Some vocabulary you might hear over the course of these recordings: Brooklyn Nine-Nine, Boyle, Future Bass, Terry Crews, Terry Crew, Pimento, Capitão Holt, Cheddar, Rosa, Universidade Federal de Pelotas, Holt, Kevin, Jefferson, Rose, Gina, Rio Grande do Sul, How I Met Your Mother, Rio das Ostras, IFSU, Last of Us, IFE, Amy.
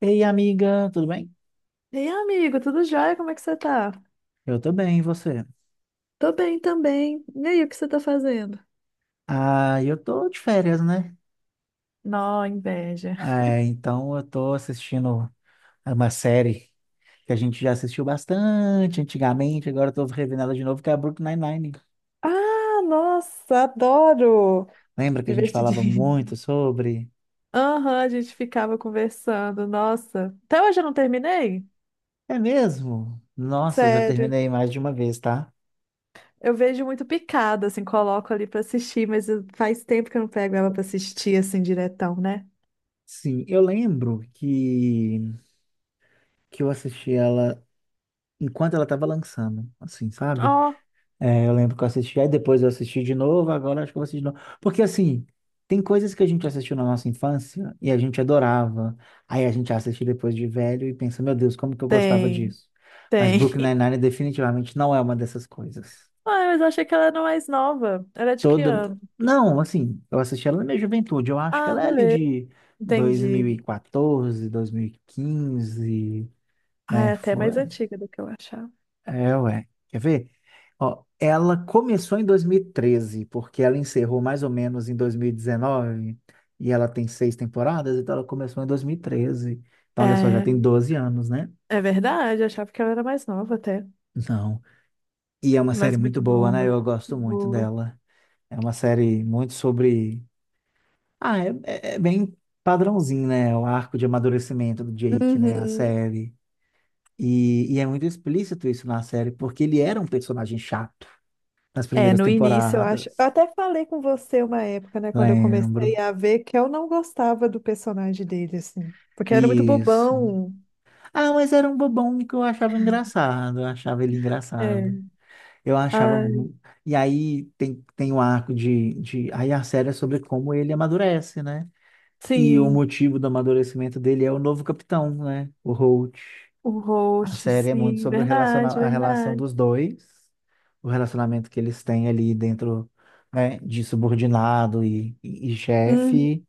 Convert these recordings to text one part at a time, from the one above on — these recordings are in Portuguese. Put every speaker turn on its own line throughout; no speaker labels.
Ei, amiga, tudo bem?
Ei, amigo, tudo jóia? Como é que você tá?
Eu tô bem, e você?
Tô bem também. E aí, o que você tá fazendo?
Ah, eu tô de férias, né?
Nó, inveja.
Ah, então eu tô assistindo uma série que a gente já assistiu bastante antigamente, agora eu tô revendo ela de novo, que é a Brooklyn Nine-Nine.
Ah, nossa, adoro!
Lembra que a gente falava
Divertidinho.
muito sobre?
Aham, a gente ficava conversando. Nossa, até hoje eu não terminei.
É mesmo? Nossa, eu já
Sério.
terminei mais de uma vez, tá?
Eu vejo muito picada, assim, coloco ali pra assistir, mas faz tempo que eu não pego ela pra assistir, assim, diretão, né?
Sim, eu lembro que eu assisti ela enquanto ela estava lançando, assim, sabe?
Ó,
É, eu lembro que eu assisti, aí depois eu assisti de novo, agora acho que eu vou assistir de novo. Porque assim, tem coisas que a gente assistiu na nossa infância e a gente adorava. Aí a gente assiste depois de velho e pensa, meu Deus, como que eu gostava
tem,
disso? Mas
tem.
Brooklyn Nine-Nine definitivamente não é uma dessas coisas.
Ah, mas eu achei que ela era mais nova. Ela é de que
Toda.
ano?
Não, assim, eu assisti ela na minha juventude, eu acho que
Ah,
ela é ali
beleza,
de
entendi.
2014, 2015,
Ah,
né?
é até
Foi.
mais antiga do que eu achava.
É, ué. Quer ver? Ó, ela começou em 2013, porque ela encerrou mais ou menos em 2019, e ela tem seis temporadas, então ela começou em 2013. Então, olha só, já
É,
tem 12 anos, né?
é verdade, eu achava que ela era mais nova até.
Não. E é uma série
Mas
muito
muito
boa,
boa.
né? Eu gosto
Muito
muito
boa.
dela. É uma série muito sobre. Ah, é bem padrãozinho, né? O arco de amadurecimento do Jake, né? A
Uhum.
série. E é muito explícito isso na série, porque ele era um personagem chato nas
É,
primeiras
no início eu acho. Eu
temporadas.
até falei com você uma época, né, quando eu comecei
Lembro.
a ver que eu não gostava do personagem dele, assim. Porque era muito
Isso.
bobão.
Ah, mas era um bobão que eu achava engraçado. Eu achava ele engraçado.
É.
Eu achava.
Ah,
E aí tem um arco de. Aí a série é sobre como ele amadurece, né? E o
sim,
motivo do amadurecimento dele é o novo capitão, né? O Holt.
o
A
host,
série é muito
sim,
sobre o
verdade,
a relação
verdade.
dos dois, o relacionamento que eles têm ali dentro, né? De subordinado e
Uhum.
chefe.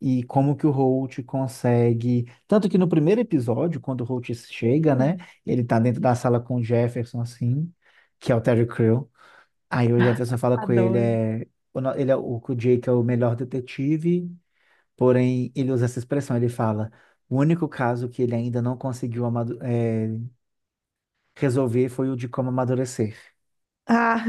E como que o Holt consegue. Tanto que no primeiro episódio, quando o Holt chega,
Hum,
né? Ele tá dentro da sala com o Jefferson, assim, que é o Terry Crew. Aí o Jefferson fala com ele,
adoro.
é, o no- ele é o, que o Jake é o melhor detetive, porém ele usa essa expressão, ele fala. O único caso que ele ainda não conseguiu resolver foi o de como amadurecer.
Ah.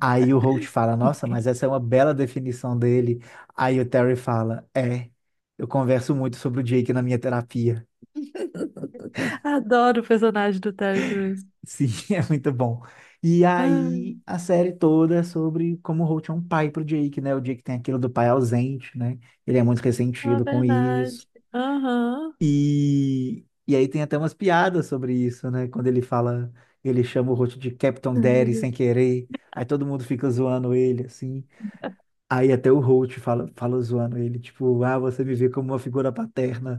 Aí o Holt fala, nossa, mas essa é uma bela definição dele. Aí o Terry fala, é, eu converso muito sobre o Jake na minha terapia.
Adoro o personagem do Terry Crews.
Sim, é muito bom. E aí
Ah,
a série toda é sobre como o Holt é um pai pro Jake, né? O Jake tem aquilo do pai ausente, né? Ele é muito
é
ressentido com isso.
verdade. Aham.
E aí tem até umas piadas sobre isso, né? Quando ele fala, ele chama o Holt de Captain Daddy sem querer. Aí todo mundo fica zoando ele, assim. Aí até o Holt fala, zoando ele, tipo, ah, você me vê como uma figura paterna.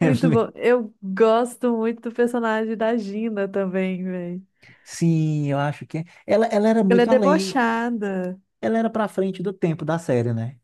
Muito bom. Eu gosto muito do personagem da Gina também, velho.
Sim, eu acho que é. Ela era
Ela é
muito além,
debochada.
ela era pra frente do tempo da série, né?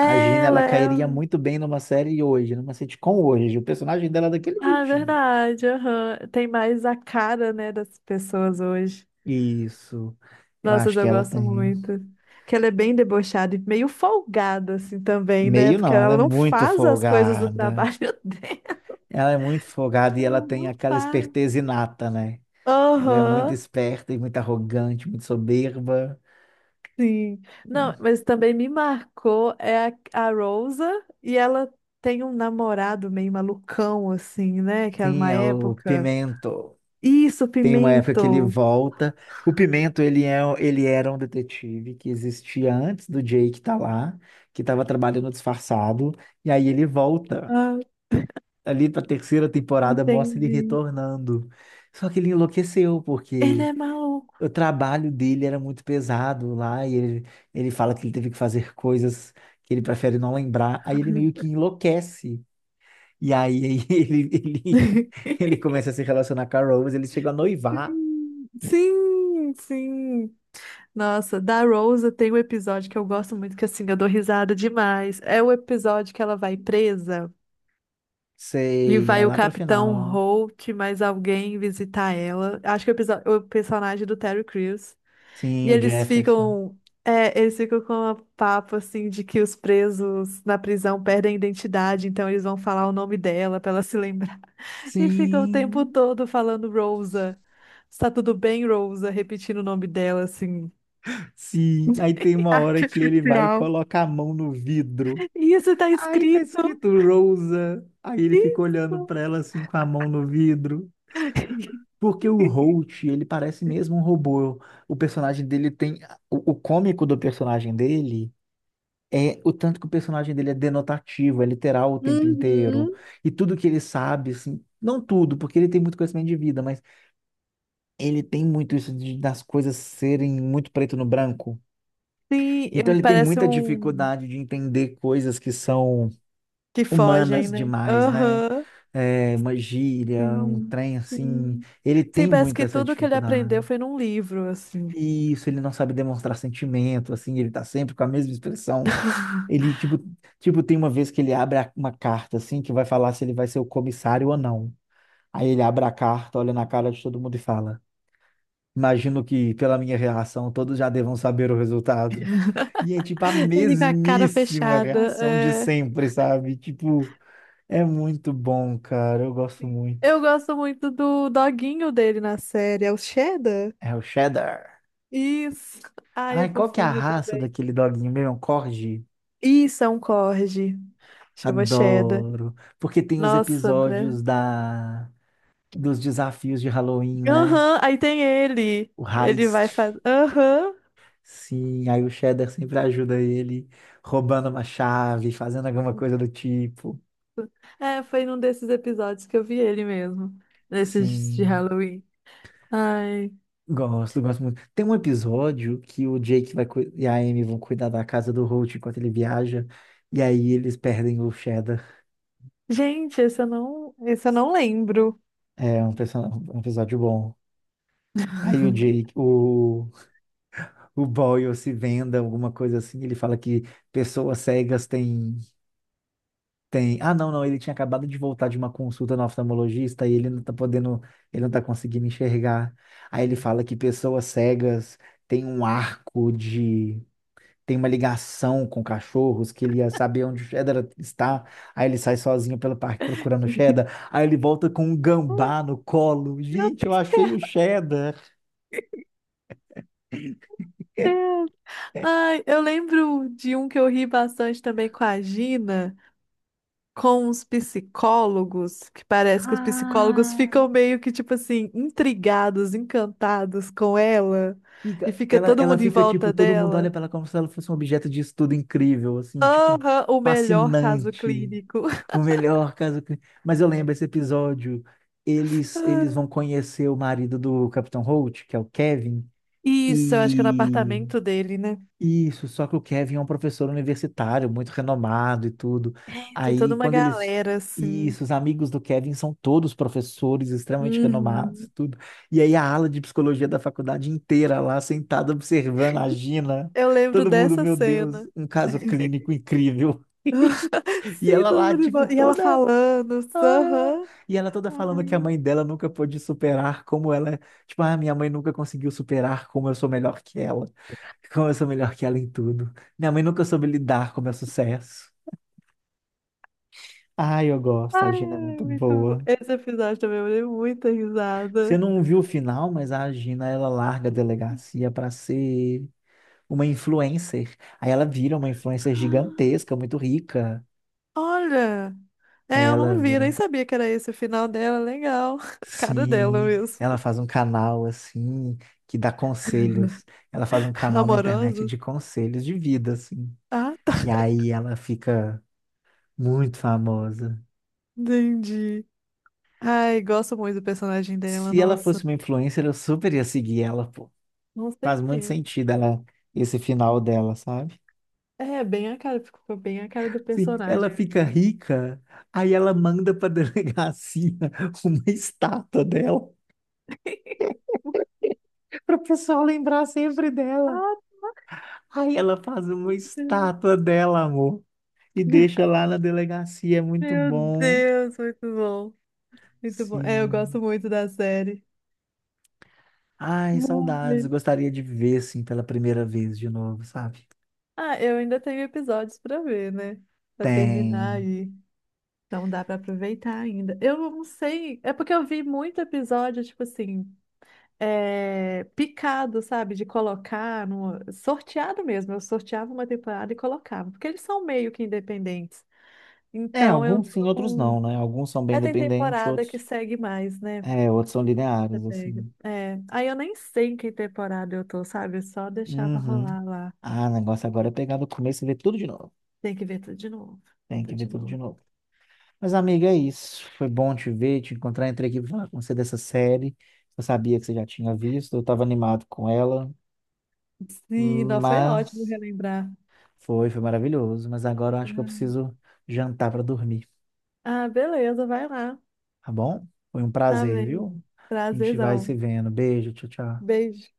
A Gina,
Ela
ela
é.
cairia
um,
muito bem numa série hoje, numa sitcom hoje. O personagem dela é daquele
ah, é
jeitinho.
verdade, aham. Tem mais a cara, né, das pessoas hoje.
Isso. Eu
Nossa,
acho que
eu
ela
gosto
tem.
muito. Que ela é bem debochada e meio folgada, assim, também, né?
Meio
Porque
não, ela
ela
é
não
muito
faz as coisas do
folgada.
trabalho dela.
Ela é muito folgada e ela
Ela
tem
não
aquela
faz.
esperteza inata, né? Ela é muito
Aham,
esperta e muito arrogante, muito soberba.
sim. Não, mas também me marcou é a Rosa e ela tem um namorado meio malucão, assim, né? Que era
Sim,
uma
é o
época.
Pimento.
Isso,
Tem uma época que ele
Pimento.
volta. O Pimento, ele era um detetive que existia antes do Jake tá lá, que estava trabalhando disfarçado, e aí ele volta.
Ah,
Ali para a terceira temporada mostra ele
entendi.
retornando. Só que ele enlouqueceu,
Ele
porque
é maluco.
o trabalho dele era muito pesado lá, ele fala que ele teve que fazer coisas que ele prefere não lembrar, aí ele meio que enlouquece. E aí, ele, ele, ele começa a se relacionar com a Rose, eles chegam a noivar.
Sim, sim. Nossa, da Rosa tem um episódio que eu gosto muito, que assim, eu dou risada demais. É o episódio que ela vai presa. E
Sei, é
vai o
lá pra
Capitão
final.
Holt, mais alguém visitar ela. Acho que é o personagem do Terry Crews. E
Sim, o
eles
Jefferson.
ficam. É, eles ficam com uma papo assim de que os presos na prisão perdem a identidade, então eles vão falar o nome dela pra ela se lembrar. E ficam o tempo
Sim,
todo falando Rosa. Está tudo bem, Rosa? Repetindo o nome dela, assim.
sim. Aí tem uma hora que ele vai e
Artificial.
coloca a mão no vidro.
Isso tá
Aí tá
escrito.
escrito Rosa. Aí ele fica olhando
Isso.
pra ela assim com a mão no vidro. Porque o Holt, ele parece mesmo um robô. O personagem dele tem. O cômico do personagem dele é o tanto que o personagem dele é denotativo, é literal o tempo inteiro.
Uhum.
E tudo que ele sabe, assim. Não tudo, porque ele tem muito conhecimento de vida, mas ele tem muito isso das coisas serem muito preto no branco. Então ele tem
Parece
muita
um.
dificuldade de entender coisas que são
Que fogem,
humanas
né?
demais, né?
Aham.
É, uma gíria, um
Sim,
trem assim.
sim.
Ele
Sim,
tem
parece
muito
que
essa
tudo que ele aprendeu
dificuldade.
foi num livro, assim.
E isso, ele não sabe demonstrar sentimento, assim, ele tá sempre com a mesma expressão. Ele, tipo, tem uma vez que ele abre uma carta, assim, que vai falar se ele vai ser o comissário ou não. Aí ele abre a carta, olha na cara de todo mundo e fala. Imagino que, pela minha reação, todos já devam saber o resultado. E é tipo a
Ele com a cara
mesmíssima
fechada.
reação de
É.
sempre, sabe? Tipo, é muito bom, cara. Eu gosto muito.
Eu gosto muito do doguinho dele na série, é o Cheddar?
É o cheddar.
Isso. Ai, é
Ai, qual que é a
fofinho
raça
também.
daquele doguinho mesmo? É um Corgi?
Isso, é um corgi. Chama Cheddar.
Adoro. Porque tem os
Nossa, né?
episódios da dos desafios de Halloween, né?
Aham, aí tem ele.
O
Ele vai
heist.
fazer. Aham.
Sim, aí o cheddar sempre ajuda ele, roubando uma chave, fazendo alguma coisa do tipo.
É, foi num desses episódios que eu vi ele mesmo. Nesses de
Sim.
Halloween. Ai.
Gosto muito. Tem um episódio que o Jake e a Amy vão cuidar da casa do Holt enquanto ele viaja, e aí eles perdem o Cheddar.
Gente, esse eu não lembro.
É um episódio bom. Aí o Boyle se venda, alguma coisa assim, ele fala que pessoas cegas têm. Ah, não, não, ele tinha acabado de voltar de uma consulta no oftalmologista e ele não tá podendo, ele não tá conseguindo enxergar. Aí ele fala que pessoas cegas têm um arco tem uma ligação com cachorros, que ele ia saber onde o Cheddar está. Aí ele sai sozinho pelo parque procurando o Cheddar. Aí ele volta com um gambá no colo.
Meu
Gente, eu
Deus.
achei o Cheddar.
Ai, eu lembro de um que eu ri bastante também com a Gina, com os psicólogos, que parece que os psicólogos ficam meio que, tipo assim, intrigados, encantados com ela, e
Fica,
fica
ela,
todo
ela
mundo em
fica
volta
tipo, todo mundo olha
dela.
para ela como se ela fosse um objeto de estudo incrível, assim, tipo,
Aham, o melhor caso
fascinante.
clínico.
O melhor caso. Mas eu lembro esse episódio. Eles vão conhecer o marido do Capitão Holt, que é o Kevin,
Isso, eu acho que é no
e
apartamento dele, né?
Isso, só que o Kevin é um professor universitário, muito renomado e tudo.
Tem
Aí,
toda uma
quando eles.
galera, assim.
Isso, os amigos do Kevin são todos professores extremamente renomados e
Uhum.
tudo. E aí, a ala de psicologia da faculdade inteira lá, sentada observando a Gina.
Eu lembro
Todo mundo,
dessa
meu Deus,
cena.
um caso clínico incrível. E
Sim,
ela
todo
lá,
mundo
tipo,
embora. E ela
toda.
falando,
ah,
aham.
E ela toda falando que a
Ai,
mãe dela nunca pôde superar como ela, tipo, ah, minha mãe nunca conseguiu superar como eu sou melhor que ela, como eu sou melhor que ela em tudo. Minha mãe nunca soube lidar com o meu sucesso. Ai, eu gosto, a Gina é
ai,
muito
muito bom.
boa.
Esse episódio também eu dei muita
Você
risada.
não viu o final, mas a Gina, ela larga a delegacia para ser uma influencer. Aí ela vira uma influencer gigantesca, muito rica.
Olha, é, eu
Ela
não vi, nem
vira.
sabia que era esse o final dela. Legal. Cara dela
Sim,
mesmo.
ela faz um canal assim que dá conselhos. Ela faz um canal na internet
Amorosa.
de conselhos de vida, assim.
Ah, tá.
E aí ela fica muito famosa.
Entendi. Ai, gosto muito do personagem dela,
Se ela
nossa.
fosse uma influencer, eu super ia seguir ela, pô.
Com
Faz muito
certeza.
sentido ela, esse final dela, sabe?
É, bem a cara, ficou bem a cara do
Sim, ela
personagem.
fica rica, aí ela manda pra delegacia uma estátua dela, para o pessoal lembrar sempre dela. Aí ela faz uma estátua dela, amor. E
Obrigada.
deixa lá na delegacia, é muito
Meu
bom.
Deus, muito bom. Muito bom. É, eu
Sim.
gosto muito da série.
Ai, saudades.
Vai.
Gostaria de ver, assim, pela primeira vez de novo, sabe?
Ah, eu ainda tenho episódios pra ver, né? Pra terminar
Tem.
aí. Então dá pra aproveitar ainda. Eu não sei, é porque eu vi muito episódio, tipo assim, é, picado, sabe? De colocar no... sorteado mesmo. Eu sorteava uma temporada e colocava, porque eles são meio que independentes.
É,
Então eu
alguns sim, outros
não.
não, né? Alguns são bem
É, tem
independentes,
temporada que segue mais, né?
outros são
Você
lineares,
pega.
assim.
É, aí eu nem sei em que temporada eu tô, sabe? Eu só deixava
Uhum.
rolar lá.
Ah, o negócio agora é pegar do começo e ver tudo de novo.
Tem que ver tudo de novo. Ver
Tem que
tudo
ver
de
tudo de
novo.
novo. Mas, amiga, é isso. Foi bom te ver, te encontrar. Entrei aqui pra falar com você dessa série. Eu sabia que você já tinha visto, eu estava animado com ela,
Sim, não, foi ótimo
mas.
relembrar.
Foi maravilhoso, mas agora eu acho que eu
Ah,
preciso jantar para dormir,
ah, beleza, vai lá.
tá bom? Foi um
Tá
prazer,
bem.
viu? A gente vai se
Prazerzão.
vendo. Beijo, tchau, tchau.
Beijo.